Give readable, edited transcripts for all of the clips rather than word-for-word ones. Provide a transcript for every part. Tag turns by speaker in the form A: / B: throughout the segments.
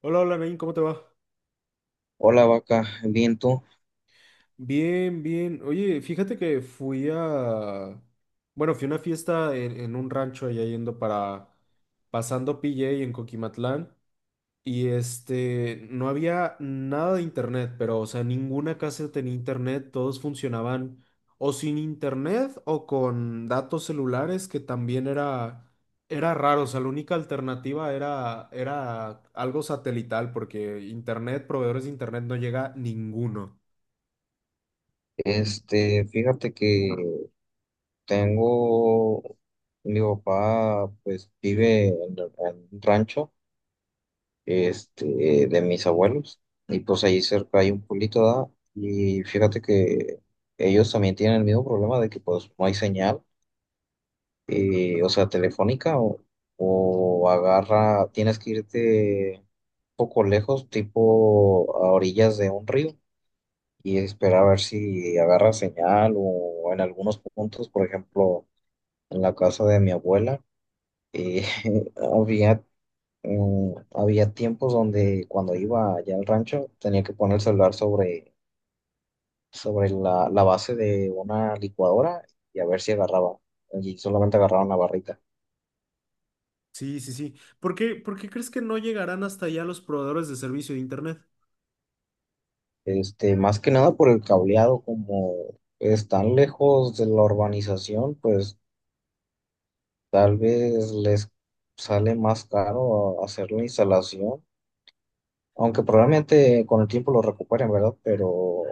A: Hola, hola, Nain, ¿cómo te va?
B: Hola vaca, bien tú.
A: Bien, bien. Oye, fíjate que bueno, fui a una fiesta en un rancho allá. Pasando PJ en Coquimatlán. Y este, no había nada de internet, pero, o sea, ninguna casa tenía internet, todos funcionaban o sin internet o con datos celulares, que también era raro, o sea, la única alternativa era algo satelital, porque internet, proveedores de internet no llega ninguno.
B: Fíjate que tengo, mi papá pues vive en un rancho, de mis abuelos, y pues ahí cerca hay un pueblito, ¿da? Y fíjate que ellos también tienen el mismo problema de que pues no hay señal, o sea, telefónica o agarra, tienes que irte un poco lejos, tipo a orillas de un río y esperar a ver si agarra señal o en algunos puntos, por ejemplo, en la casa de mi abuela, eh, había, había tiempos donde cuando iba allá al rancho tenía que poner el celular sobre, sobre la base de una licuadora y a ver si agarraba, y solamente agarraba una barrita.
A: Sí, sí, sí. ¿Por qué crees que no llegarán hasta allá los proveedores de servicio de internet?
B: Más que nada por el cableado, como están lejos de la urbanización, pues tal vez les sale más caro hacer la instalación. Aunque probablemente con el tiempo lo recuperen, ¿verdad? Pero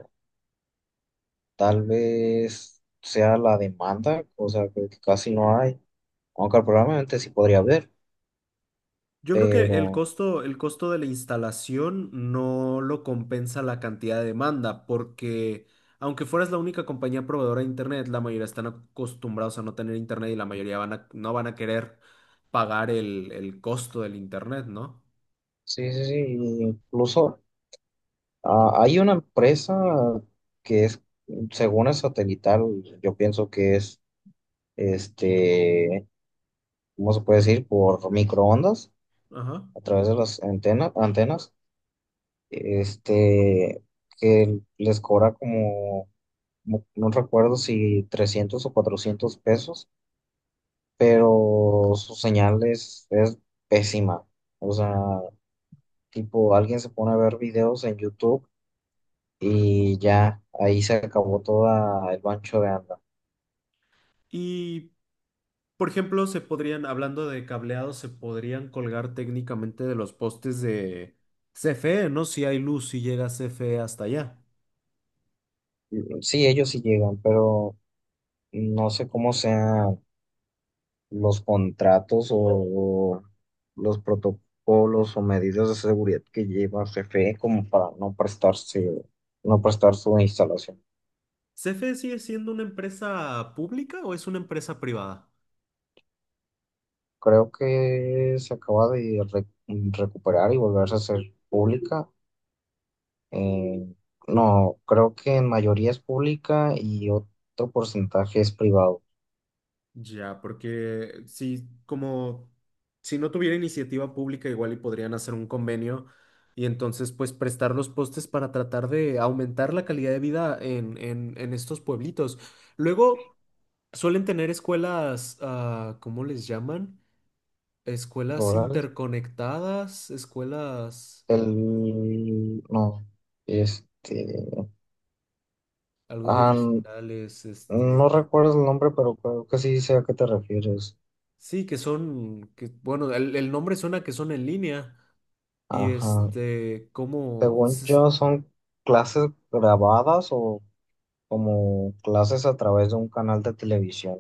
B: tal vez sea la demanda, o sea, que casi no hay. Aunque probablemente sí podría haber,
A: Yo creo que el
B: pero
A: costo, el costo de la instalación no lo compensa la cantidad de demanda, porque aunque fueras la única compañía proveedora de internet, la mayoría están acostumbrados a no tener internet y la mayoría no van a querer pagar el costo del internet, ¿no?
B: sí, sí, sí. Incluso hay una empresa que es, según es satelital, yo pienso que es, este, ¿cómo se puede decir? Por microondas,
A: Ajá.
B: a través de las antenas, este, que les cobra como no, no recuerdo si 300 o $400, pero su señal es pésima. O sea, tipo, alguien se pone a ver videos en YouTube y ya ahí se acabó toda el bancho de anda.
A: Y, por ejemplo, se podrían, hablando de cableado, se podrían colgar técnicamente de los postes de CFE, ¿no? Si hay luz, si llega CFE hasta allá.
B: Sí, ellos sí llegan, pero no sé cómo sean los contratos o los protocolos o medidas de seguridad que lleva CFE como para no prestarse, no prestar su instalación.
A: ¿CFE sigue siendo una empresa pública o es una empresa privada?
B: Creo que se acaba de recuperar y volverse a hacer pública. Eh, no, creo que en mayoría es pública y otro porcentaje es privado.
A: Ya, porque si como si no tuviera iniciativa pública, igual y podrían hacer un convenio y entonces pues prestar los postes para tratar de aumentar la calidad de vida en estos pueblitos. Luego suelen tener escuelas, ¿cómo les llaman? Escuelas
B: ¿Rurales?
A: interconectadas, escuelas
B: No, este,
A: algo de
B: ah, n-
A: digitales,
B: no
A: este.
B: recuerdo el nombre, pero creo que sí sé a qué te refieres.
A: Sí, que son, que, bueno, el nombre suena que son en línea y
B: Ajá. Según yo, son clases grabadas o como clases a través de un canal de televisión.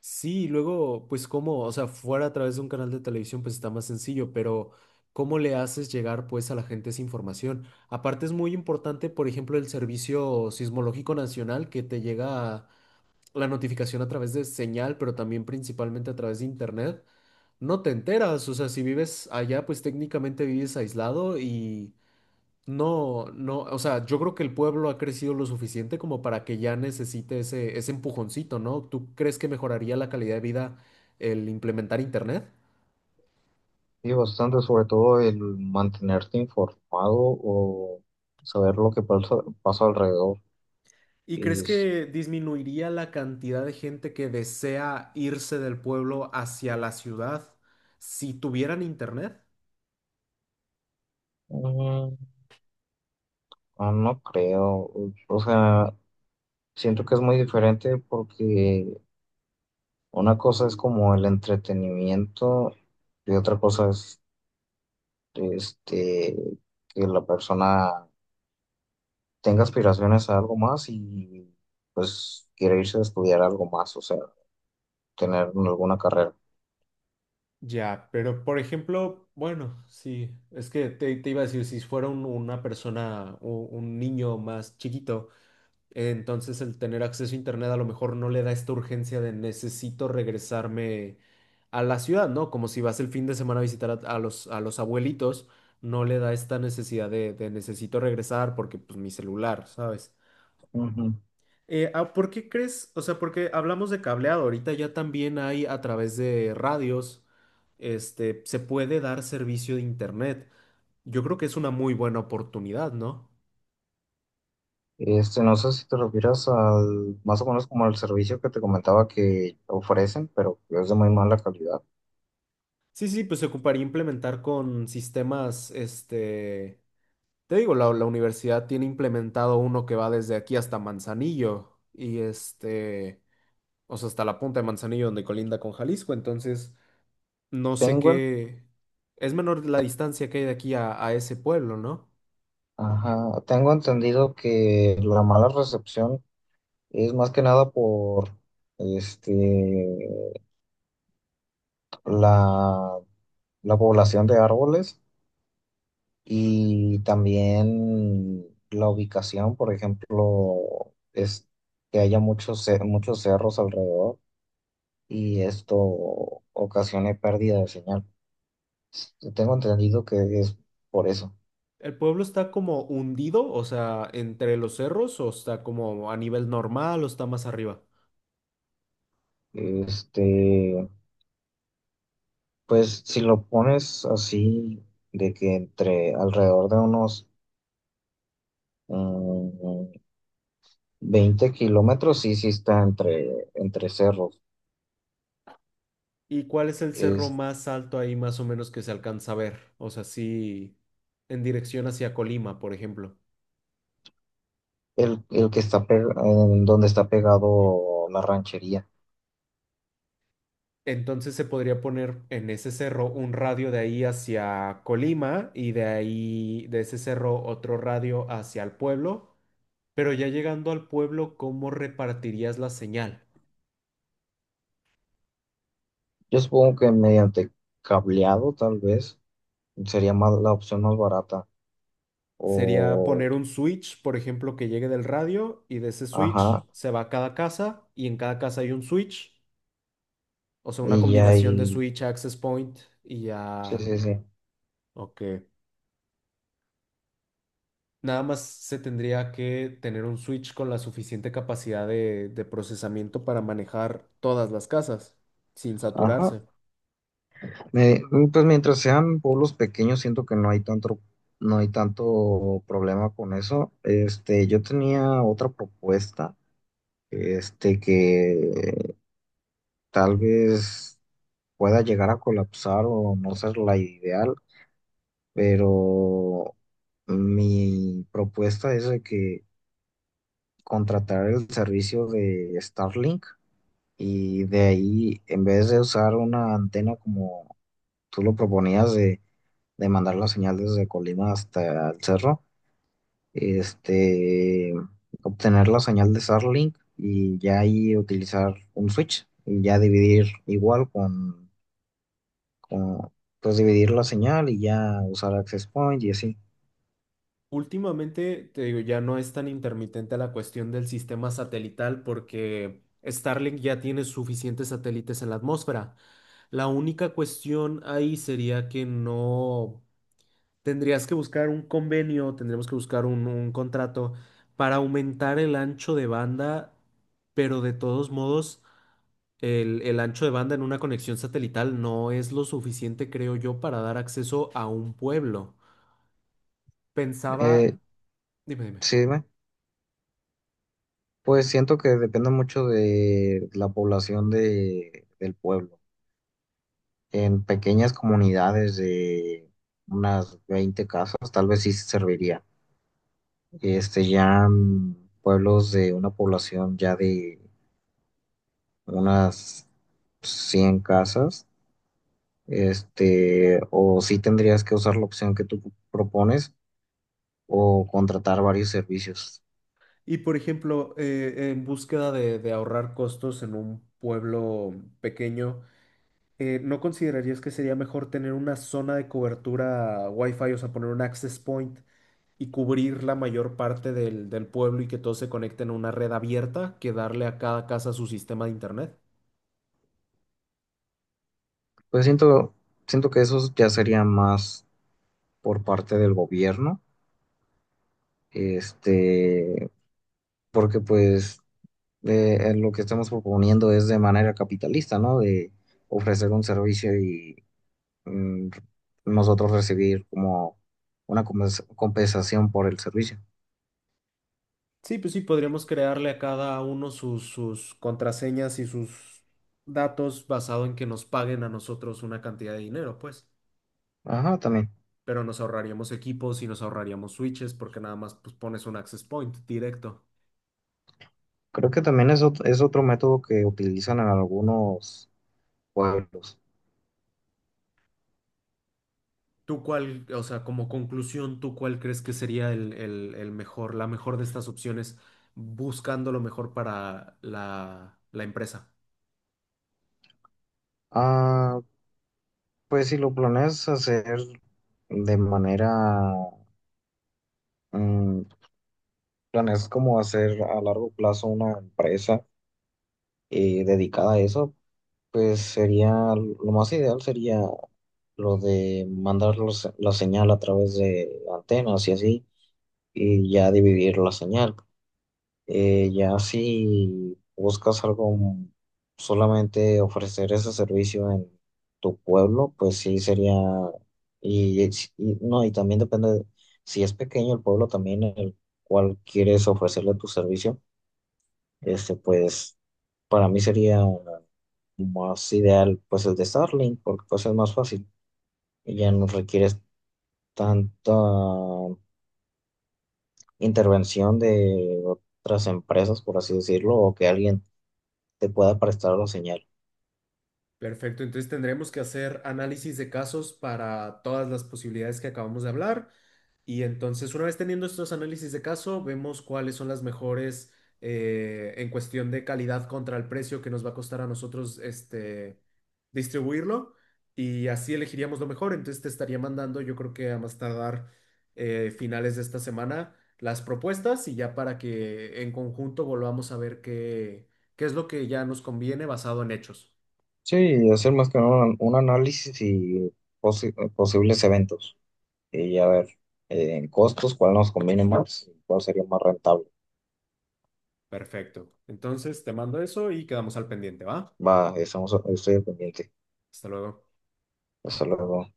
A: sí, y luego, pues como, o sea, fuera a través de un canal de televisión, pues está más sencillo, pero ¿cómo le haces llegar pues a la gente esa información? Aparte es muy importante, por ejemplo, el Servicio Sismológico Nacional que te llega la notificación a través de señal, pero también principalmente a través de internet. No te enteras, o sea, si vives allá, pues técnicamente vives aislado. No, no, o sea, yo creo que el pueblo ha crecido lo suficiente como para que ya necesite ese empujoncito, ¿no? ¿Tú crees que mejoraría la calidad de vida el implementar internet?
B: Sí, bastante, sobre todo el mantenerte informado o saber lo que pasa, pasa alrededor.
A: ¿Y
B: Y
A: crees
B: es-
A: que disminuiría la cantidad de gente que desea irse del pueblo hacia la ciudad si tuvieran internet?
B: mm, no creo, o sea, siento que es muy diferente porque una cosa es como el entretenimiento y otra cosa es este, que la persona tenga aspiraciones a algo más y pues quiere irse a estudiar algo más, o sea, tener alguna carrera.
A: Ya, pero por ejemplo, bueno, sí, es que te iba a decir, si fuera una persona, o un niño más chiquito. Entonces el tener acceso a internet a lo mejor no le da esta urgencia de necesito regresarme a la ciudad, ¿no? Como si vas el fin de semana a visitar a los abuelitos, no le da esta necesidad de necesito regresar porque pues mi celular, ¿sabes? ¿Por qué crees? O sea, porque hablamos de cableado, ahorita ya también hay a través de radios, este, se puede dar servicio de internet. Yo creo que es una muy buena oportunidad, ¿no?
B: No sé si te refieres al, más o menos como al servicio que te comentaba que ofrecen, pero que es de muy mala calidad.
A: Sí, sí, pues se ocuparía implementar con sistemas, este, te digo, la universidad tiene implementado uno que va desde aquí hasta Manzanillo y este, o sea, hasta la punta de Manzanillo donde colinda con Jalisco, entonces no sé
B: Tengo, en-
A: qué, es menor la distancia que hay de aquí a ese pueblo, ¿no?
B: ajá, tengo entendido que la mala recepción es más que nada por este, la, la población de árboles y también la ubicación, por ejemplo, es que haya muchos, muchos cerros alrededor y esto ocasione pérdida de señal. Tengo entendido que es por eso.
A: ¿El pueblo está como hundido, o sea, entre los cerros o está como a nivel normal o está más arriba?
B: Este, pues si lo pones así, de que entre alrededor de unos mm, 20 kilómetros, sí, sí está entre, entre cerros.
A: ¿Y cuál es el cerro
B: Es
A: más alto ahí más o menos que se alcanza a ver? O sea, sí, en dirección hacia Colima, por ejemplo.
B: el que está en donde está pegado la ranchería.
A: Entonces se podría poner en ese cerro un radio de ahí hacia Colima y de ahí, de ese cerro, otro radio hacia el pueblo. Pero ya llegando al pueblo, ¿cómo repartirías la señal?
B: Yo supongo que mediante cableado, tal vez, sería más la opción más barata.
A: Sería
B: O,
A: poner un switch, por ejemplo, que llegue del radio y de ese switch
B: ajá,
A: se va a cada casa y en cada casa hay un switch. O sea, una
B: y
A: combinación de
B: ahí,
A: switch, access point y
B: sí,
A: ya.
B: sí, sí.
A: Ok. Nada más se tendría que tener un switch con la suficiente capacidad de procesamiento para manejar todas las casas sin
B: Ajá.
A: saturarse.
B: Eh, pues mientras sean pueblos pequeños, siento que no hay tanto, no hay tanto problema con eso. Yo tenía otra propuesta, que tal vez pueda llegar a colapsar o no ser la ideal, pero mi propuesta es de que contratar el servicio de Starlink y de ahí, en vez de usar una antena como tú lo proponías de mandar la señal desde Colima hasta el cerro, este, obtener la señal de Starlink y ya ahí utilizar un switch y ya dividir igual con pues dividir la señal y ya usar access point y así.
A: Últimamente, te digo, ya no es tan intermitente la cuestión del sistema satelital porque Starlink ya tiene suficientes satélites en la atmósfera. La única cuestión ahí sería que no. Tendrías que buscar un convenio, tendremos que buscar un contrato para aumentar el ancho de banda, pero de todos modos, el ancho de banda en una conexión satelital no es lo suficiente, creo yo, para dar acceso a un pueblo. Pensaba,
B: Eh,
A: dime, dime.
B: sí, dime. Pues siento que depende mucho de la población de, del pueblo. En pequeñas comunidades de unas 20 casas, tal vez sí serviría este, ya mm, pueblos de una población ya de unas 100 casas, o sí tendrías que usar la opción que tú propones o contratar varios servicios.
A: Y por ejemplo, en búsqueda de ahorrar costos en un pueblo pequeño, ¿no considerarías que sería mejor tener una zona de cobertura Wi-Fi, o sea, poner un access point? Y cubrir la mayor parte del pueblo y que todos se conecten a una red abierta que darle a cada casa su sistema de internet.
B: Pues siento, siento que eso ya sería más por parte del gobierno, este, porque pues lo que estamos proponiendo es de manera capitalista, ¿no? De ofrecer un servicio y mm, nosotros recibir como una compensación por el servicio.
A: Sí, pues sí, podríamos crearle a cada uno sus contraseñas y sus datos basado en que nos paguen a nosotros una cantidad de dinero, pues.
B: Ajá, también.
A: Pero nos ahorraríamos equipos y nos ahorraríamos switches porque nada más pues, pones un access point directo.
B: Creo que también es, es otro método que utilizan en algunos pueblos.
A: ¿Tú cuál, o sea, como conclusión, tú cuál crees que sería el mejor, la mejor de estas opciones, buscando lo mejor para la empresa?
B: Ah, pues si lo planeas hacer de manera, mm, planeas como hacer a largo plazo una empresa dedicada a eso, pues sería, lo más ideal sería lo de mandar la señal a través de antenas y así, y ya dividir la señal. Ya si buscas algo, solamente ofrecer ese servicio en tu pueblo, pues sí sería, y, y no, y también depende, si es pequeño el pueblo también en el cual quieres ofrecerle tu servicio, pues para mí sería más ideal pues el de Starlink, porque pues es más fácil y ya no requieres tanta intervención de otras empresas, por así decirlo, o que alguien te pueda prestar la señal.
A: Perfecto, entonces tendremos que hacer análisis de casos para todas las posibilidades que acabamos de hablar. Y entonces, una vez teniendo estos análisis de caso, vemos cuáles son las mejores en cuestión de calidad contra el precio que nos va a costar a nosotros este, distribuirlo y así elegiríamos lo mejor. Entonces, te estaría mandando, yo creo que a más tardar finales de esta semana, las propuestas y ya para que en conjunto volvamos a ver qué es lo que ya nos conviene basado en hechos.
B: Sí, hacer más que nada un, un análisis y posibles eventos y a ver en costos cuál nos conviene más, y cuál sería más rentable.
A: Perfecto. Entonces, te mando eso y quedamos al pendiente, ¿va?
B: Va, estamos, estoy al pendiente.
A: Hasta luego.
B: Hasta luego.